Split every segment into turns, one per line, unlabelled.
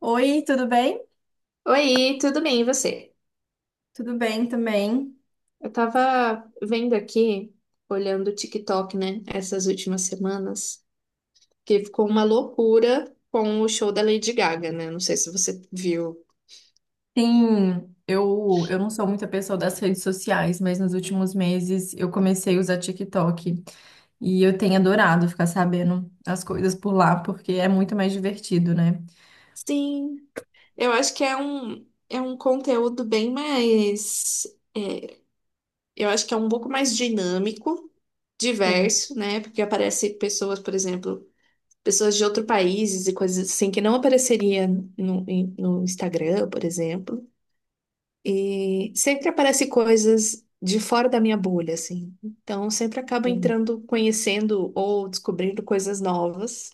Oi, tudo bem?
Oi, tudo bem, e você?
Tudo bem também.
Eu tava vendo aqui, olhando o TikTok, né, essas últimas semanas, que ficou uma loucura com o show da Lady Gaga, né? Não sei se você viu.
Sim, eu não sou muita pessoa das redes sociais, mas nos últimos meses eu comecei a usar TikTok e eu tenho adorado ficar sabendo as coisas por lá, porque é muito mais divertido, né?
Sim, eu acho que é um conteúdo bem mais. é, eu acho que é um pouco mais dinâmico,
Sim,
diverso, né? Porque aparece pessoas, por exemplo, pessoas de outros países e coisas assim que não apareceria no Instagram, por exemplo. E sempre aparece coisas de fora da minha bolha, assim. Então, sempre acabo
sim.
entrando, conhecendo ou descobrindo coisas novas.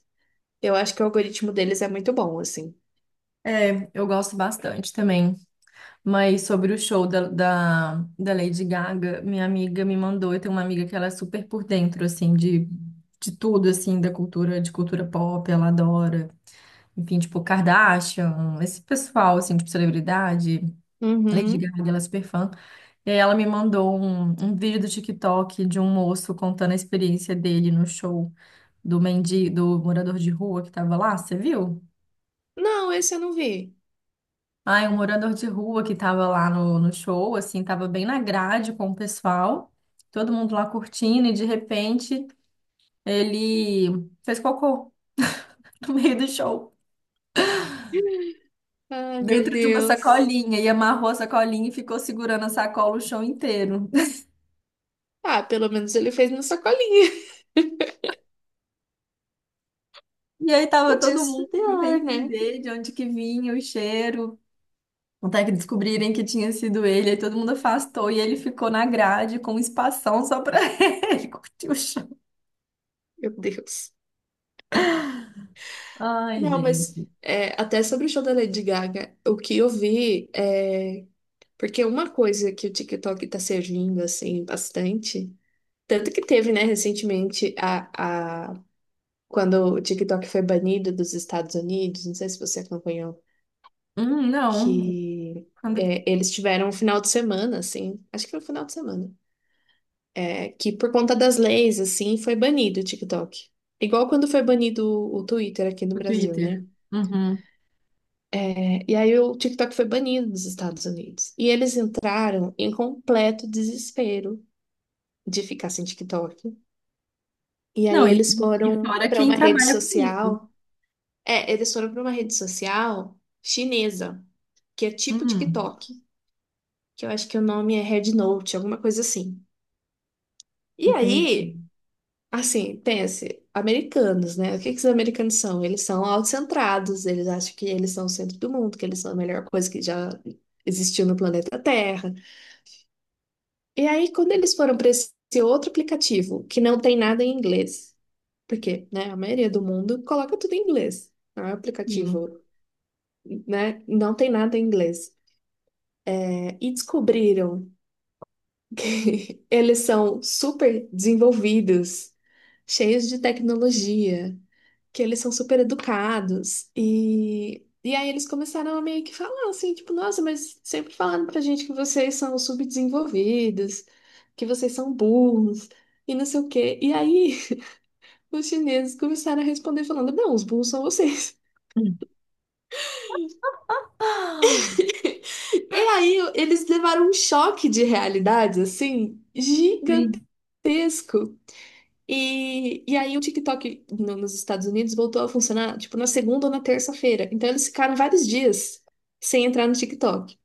Eu acho que o algoritmo deles é muito bom, assim.
É, eu gosto bastante também. Mas sobre o show da Lady Gaga, minha amiga me mandou. Eu tenho uma amiga que ela é super por dentro, assim, de tudo, assim, da cultura, de cultura pop, ela adora. Enfim, tipo, Kardashian, esse pessoal, assim, tipo, celebridade, Lady
Uhum.
Gaga, ela é super fã. E aí ela me mandou um vídeo do TikTok de um moço contando a experiência dele no show do mendi, do morador de rua que tava lá, você viu?
Não, esse eu não vi.
Ai, um morador de rua que tava lá no show, assim, tava bem na grade com o pessoal, todo mundo lá curtindo, e de repente ele fez cocô no meio do show
Ai, meu
dentro de uma
Deus.
sacolinha e amarrou a sacolinha e ficou segurando a sacola o chão inteiro.
Ah, pelo menos ele fez na sacolinha.
E aí tava
Podia
todo
ser
mundo tentando
pior, né?
entender de onde que vinha o cheiro, até que descobrirem que tinha sido ele, aí todo mundo afastou e ele ficou na grade com um espação só pra ele curtir o chão.
Meu Deus.
Ai,
Não, mas
gente.
é, até sobre o show da Lady Gaga, o que eu vi é. Porque uma coisa que o TikTok tá servindo, assim, bastante. Tanto que teve, né, recentemente, quando o TikTok foi banido dos Estados Unidos, não sei se você acompanhou,
Não,
que
quando
é, eles tiveram um final de semana, assim, acho que foi um final de semana, é, que por conta das leis, assim, foi banido o TikTok. Igual quando foi banido o Twitter aqui no
o
Brasil, né?
Twitter. Uhum.
É, e aí o TikTok foi banido dos Estados Unidos. E eles entraram em completo desespero de ficar sem TikTok. E aí
Não,
eles
e
foram
fora
para
quem
uma rede
trabalha com isso.
social. É, eles foram para uma rede social chinesa, que é tipo
Hum,
TikTok, que eu acho que o nome é Red Note alguma coisa assim. E
entendi.
aí, assim, pense, americanos, né? O que que os americanos são? Eles são autocentrados, eles acham que eles são o centro do mundo, que eles são a melhor coisa que já existiu no planeta Terra. E aí, quando eles foram para esse outro aplicativo, que não tem nada em inglês, porque, né, a maioria do mundo coloca tudo em inglês. Não é um
Sim.
aplicativo, né? Não tem nada em inglês. E descobriram que eles são super desenvolvidos, cheios de tecnologia, que eles são super educados. E aí eles começaram a meio que falar assim, tipo, nossa, mas sempre falaram pra gente que vocês são subdesenvolvidos, que vocês são burros e não sei o quê. E aí os chineses começaram a responder falando, não, os burros são vocês.
Hum. Ah,
E aí eles levaram um choque de realidade assim
sim.
gigantesco. E aí o TikTok nos Estados Unidos voltou a funcionar, tipo, na segunda ou na terça-feira. Então eles ficaram vários dias sem entrar no TikTok.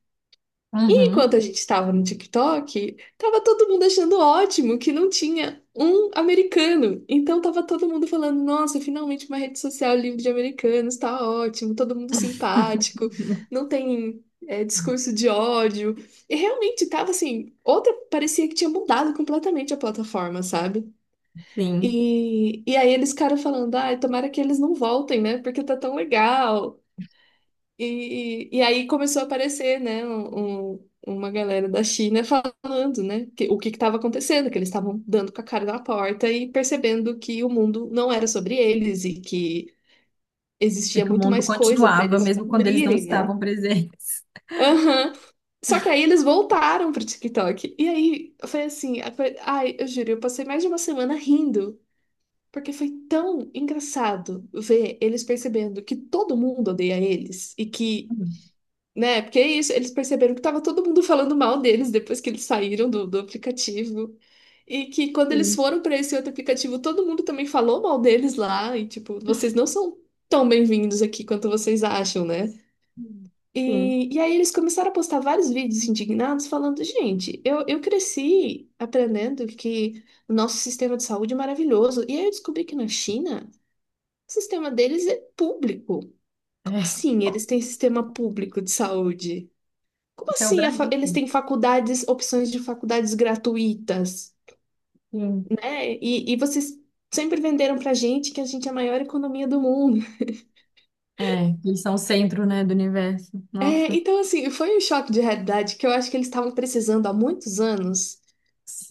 E
Uhum.
enquanto a gente estava no TikTok, tava todo mundo achando ótimo que não tinha um americano. Então tava todo mundo falando, nossa, finalmente uma rede social livre de americanos, tá ótimo, todo mundo simpático, não tem é, discurso de ódio. E realmente tava assim, outra parecia que tinha mudado completamente a plataforma, sabe?
Sim.
E aí eles ficaram falando, ai, tomara que eles não voltem, né? Porque tá tão legal. E aí começou a aparecer, né, uma galera da China falando, né, que, o que estava acontecendo, que eles estavam dando com a cara na porta e percebendo que o mundo não era sobre eles e que
E
existia
que o
muito
mundo
mais coisa para
continuava,
eles
mesmo quando eles não
descobrirem, né?
estavam presentes.
Aham. Só que aí eles voltaram pro TikTok. E aí foi assim, ai, eu juro, eu passei mais de uma semana rindo. Porque foi tão engraçado ver eles percebendo que todo mundo odeia eles e que, né, porque é isso, eles perceberam que tava todo mundo falando mal deles depois que eles saíram do aplicativo. E que quando eles
Sim.
foram para esse outro aplicativo, todo mundo também falou mal deles lá e tipo, vocês não são tão bem-vindos aqui quanto vocês acham, né?
Sim.
E aí eles começaram a postar vários vídeos indignados falando, gente, eu cresci aprendendo que o nosso sistema de saúde é maravilhoso. E aí eu descobri que na China o sistema deles é público. Como
É.
assim eles têm sistema público de saúde? Como
Até o
assim
Brasil.
eles
Sim.
têm faculdades, opções de faculdades gratuitas,
Sim.
né? E vocês sempre venderam pra gente que a gente é a maior economia do mundo.
É, eles são o centro, né, do universo.
É,
Nossa.
então, assim, foi um choque de realidade que eu acho que eles estavam precisando há muitos anos.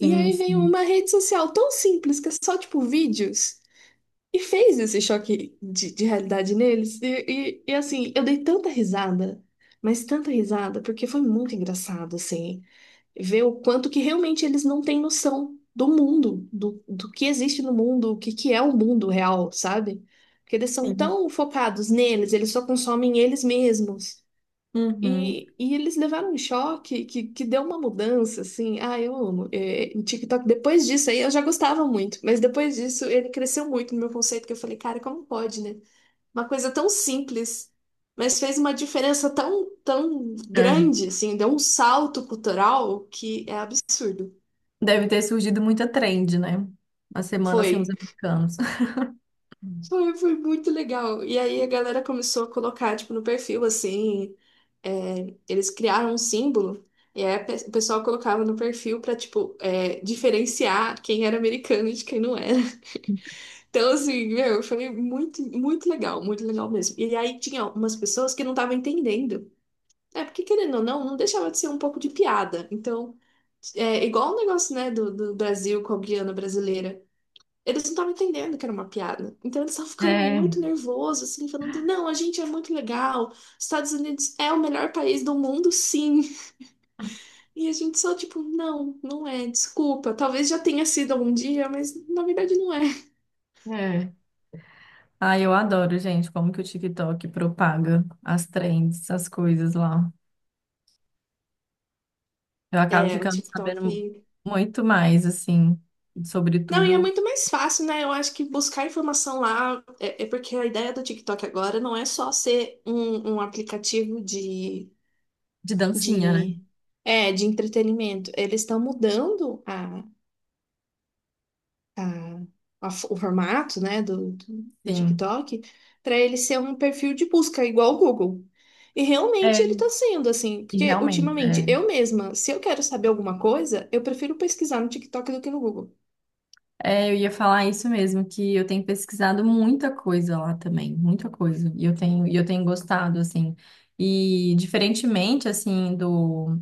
E aí veio
sim.
uma rede social tão simples, que é só, tipo, vídeos. E fez esse choque de realidade neles. Assim, eu dei tanta risada, mas tanta risada, porque foi muito engraçado, assim, ver o quanto que realmente eles não têm noção do mundo, do que existe no mundo, que é o mundo real, sabe? Porque eles são
Sim.
tão focados neles, eles só consomem eles mesmos.
Uhum.
E eles levaram um choque que deu uma mudança, assim. Ah, eu amo. É, o TikTok, depois disso aí, eu já gostava muito, mas depois disso ele cresceu muito no meu conceito, que eu falei, cara, como pode, né? Uma coisa tão simples, mas fez uma diferença tão, tão
É.
grande, assim, deu um salto cultural que é absurdo.
Deve ter surgido muita trend, né? Uma semana sem os
Foi.
americanos.
Foi, foi muito legal. E aí a galera começou a colocar, tipo, no perfil, assim, é, eles criaram um símbolo, e aí o pessoal colocava no perfil pra, tipo, é, diferenciar quem era americano de quem não era. Então, assim, meu, foi muito, muito legal mesmo. E aí tinha umas pessoas que não estavam entendendo. É, porque querendo ou não, não deixava de ser um pouco de piada. Então, é igual o negócio, né, do Brasil com a Guiana brasileira. Eles não estavam entendendo que era uma piada. Então eles estavam ficando
É,
muito nervosos, assim, falando: não, a gente é muito legal, Estados Unidos é o melhor país do mundo, sim. E a gente só, tipo, não, não é, desculpa. Talvez já tenha sido algum dia, mas na verdade não é.
é. Ah, eu adoro, gente, como que o TikTok propaga as trends, as coisas lá. Eu acabo
É, o
ficando sabendo
TikTok.
muito mais, assim,
Não, e é
sobretudo
muito mais fácil, né? Eu acho que buscar informação lá é, é porque a ideia do TikTok agora não é só ser um aplicativo
de dancinha, né?
de, é, de entretenimento. Eles estão mudando a- o formato, né, do
Sim.
TikTok, para ele ser um perfil de busca igual o Google. E realmente
É,
ele está sendo assim,
e
porque
realmente,
ultimamente
é.
eu mesma, se eu quero saber alguma coisa, eu prefiro pesquisar no TikTok do que no Google.
É, eu ia falar isso mesmo, que eu tenho pesquisado muita coisa lá também, muita coisa. E eu tenho gostado, assim. E diferentemente, assim, do,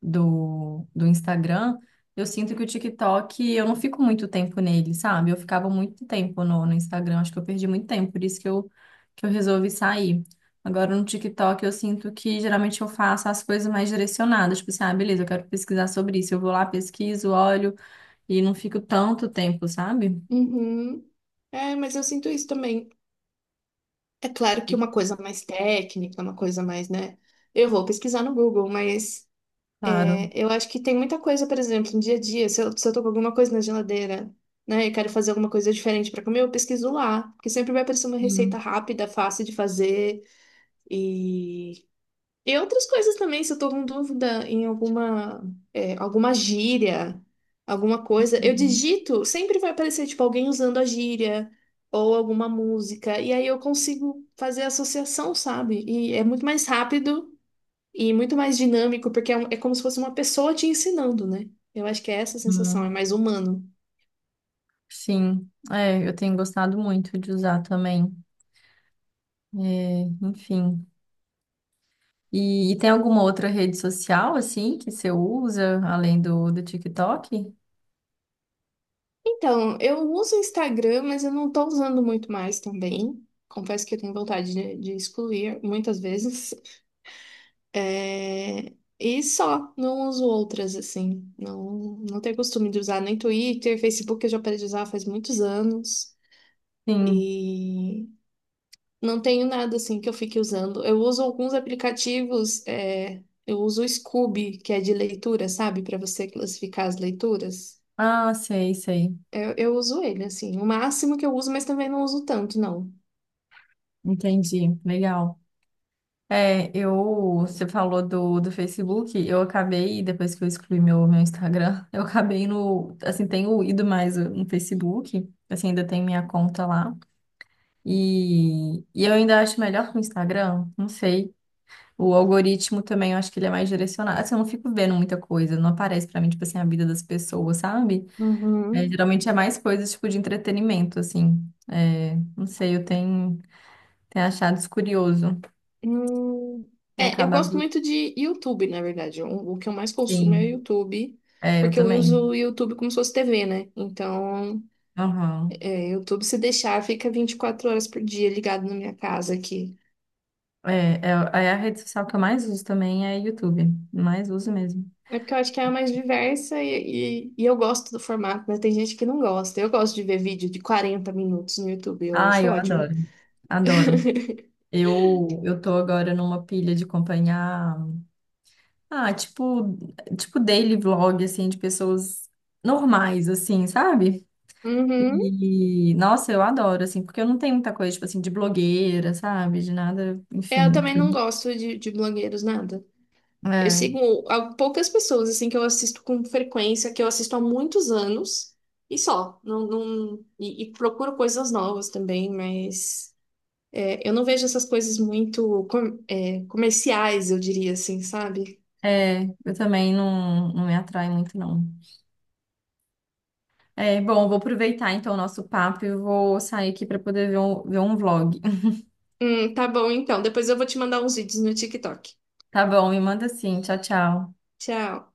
do, do Instagram, eu sinto que o TikTok, eu não fico muito tempo nele, sabe? Eu ficava muito tempo no Instagram, acho que eu perdi muito tempo, por isso que eu resolvi sair. Agora no TikTok eu sinto que geralmente eu faço as coisas mais direcionadas, tipo assim, ah, beleza, eu quero pesquisar sobre isso, eu vou lá, pesquiso, olho e não fico tanto tempo, sabe?
Uhum. É, mas eu sinto isso também. É claro que uma coisa mais técnica, uma coisa mais, né? Eu vou pesquisar no Google, mas
Claro.
eu acho que tem muita coisa, por exemplo, no dia a dia, se eu tô com alguma coisa na geladeira, né, e quero fazer alguma coisa diferente pra comer, eu pesquiso lá, porque sempre vai aparecer uma receita
Sim.
rápida, fácil de fazer e e outras coisas também, se eu tô com dúvida em alguma é, alguma gíria, alguma coisa, eu
Uhum.
digito, sempre vai aparecer tipo alguém usando a gíria ou alguma música, e aí eu consigo fazer associação, sabe? E é muito mais rápido e muito mais dinâmico, porque é, é como se fosse uma pessoa te ensinando, né? Eu acho que é essa a sensação, é
Hum,
mais humano.
sim. É, eu tenho gostado muito de usar também. É, enfim. E tem alguma outra rede social, assim, que você usa, além do TikTok?
Então, eu uso o Instagram, mas eu não estou usando muito mais também. Confesso que eu tenho vontade de excluir muitas vezes. É, e só, não uso outras, assim. Não, não tenho costume de usar nem Twitter, Facebook eu já parei de usar faz muitos anos.
Sim.
E não tenho nada assim que eu fique usando. Eu uso alguns aplicativos, é, eu uso o Scoob, que é de leitura, sabe? Para você classificar as leituras.
Ah, sei, sei.
Eu uso ele, assim, o máximo que eu uso, mas também não uso tanto, não.
Entendi. Legal. É, eu, você falou do Facebook, eu acabei, depois que eu excluí meu, meu Instagram, eu acabei no, assim, tenho ido mais no Facebook, assim, ainda tem minha conta lá. E eu ainda acho melhor que o Instagram, não sei. O algoritmo também, eu acho que ele é mais direcionado. Assim, eu não fico vendo muita coisa, não aparece pra mim, tipo assim, a vida das pessoas, sabe? É,
Uhum.
geralmente é mais coisas, tipo, de entretenimento, assim. É, não sei, eu tenho, tenho achado isso curioso.
Hum,
Tem
é, eu gosto
acabado,
muito de YouTube, na verdade. O que eu mais consumo é o
sim.
YouTube,
É, eu
porque eu
também.
uso o YouTube como se fosse TV, né? Então,
Aham.
é, YouTube, se deixar, fica 24 horas por dia ligado na minha casa aqui.
É, é, é a rede social que eu mais uso também, é YouTube. Mais uso mesmo.
É porque eu acho que é a mais diversa e eu gosto do formato, mas tem gente que não gosta. Eu gosto de ver vídeo de 40 minutos no YouTube, eu
Ah,
acho
eu
ótimo.
adoro. Adoro. Eu tô agora numa pilha de acompanhar. Ah, tipo, tipo daily vlog, assim, de pessoas normais, assim, sabe?
Uhum.
E, nossa, eu adoro, assim, porque eu não tenho muita coisa, tipo assim, de blogueira, sabe? De nada,
É, eu
enfim.
também não gosto de blogueiros, nada. Eu
É,
sigo poucas pessoas, assim, que eu assisto com frequência, que eu assisto há muitos anos, e só. Não, não, e procuro coisas novas também, mas é, eu não vejo essas coisas muito é, comerciais, eu diria assim, sabe?
é, eu também não, não me atrai muito, não. É, bom, eu vou aproveitar, então, o nosso papo e eu vou sair aqui para poder ver um vlog.
Tá bom então. Depois eu vou te mandar uns vídeos no TikTok.
Tá bom, me manda assim, tchau, tchau.
Tchau.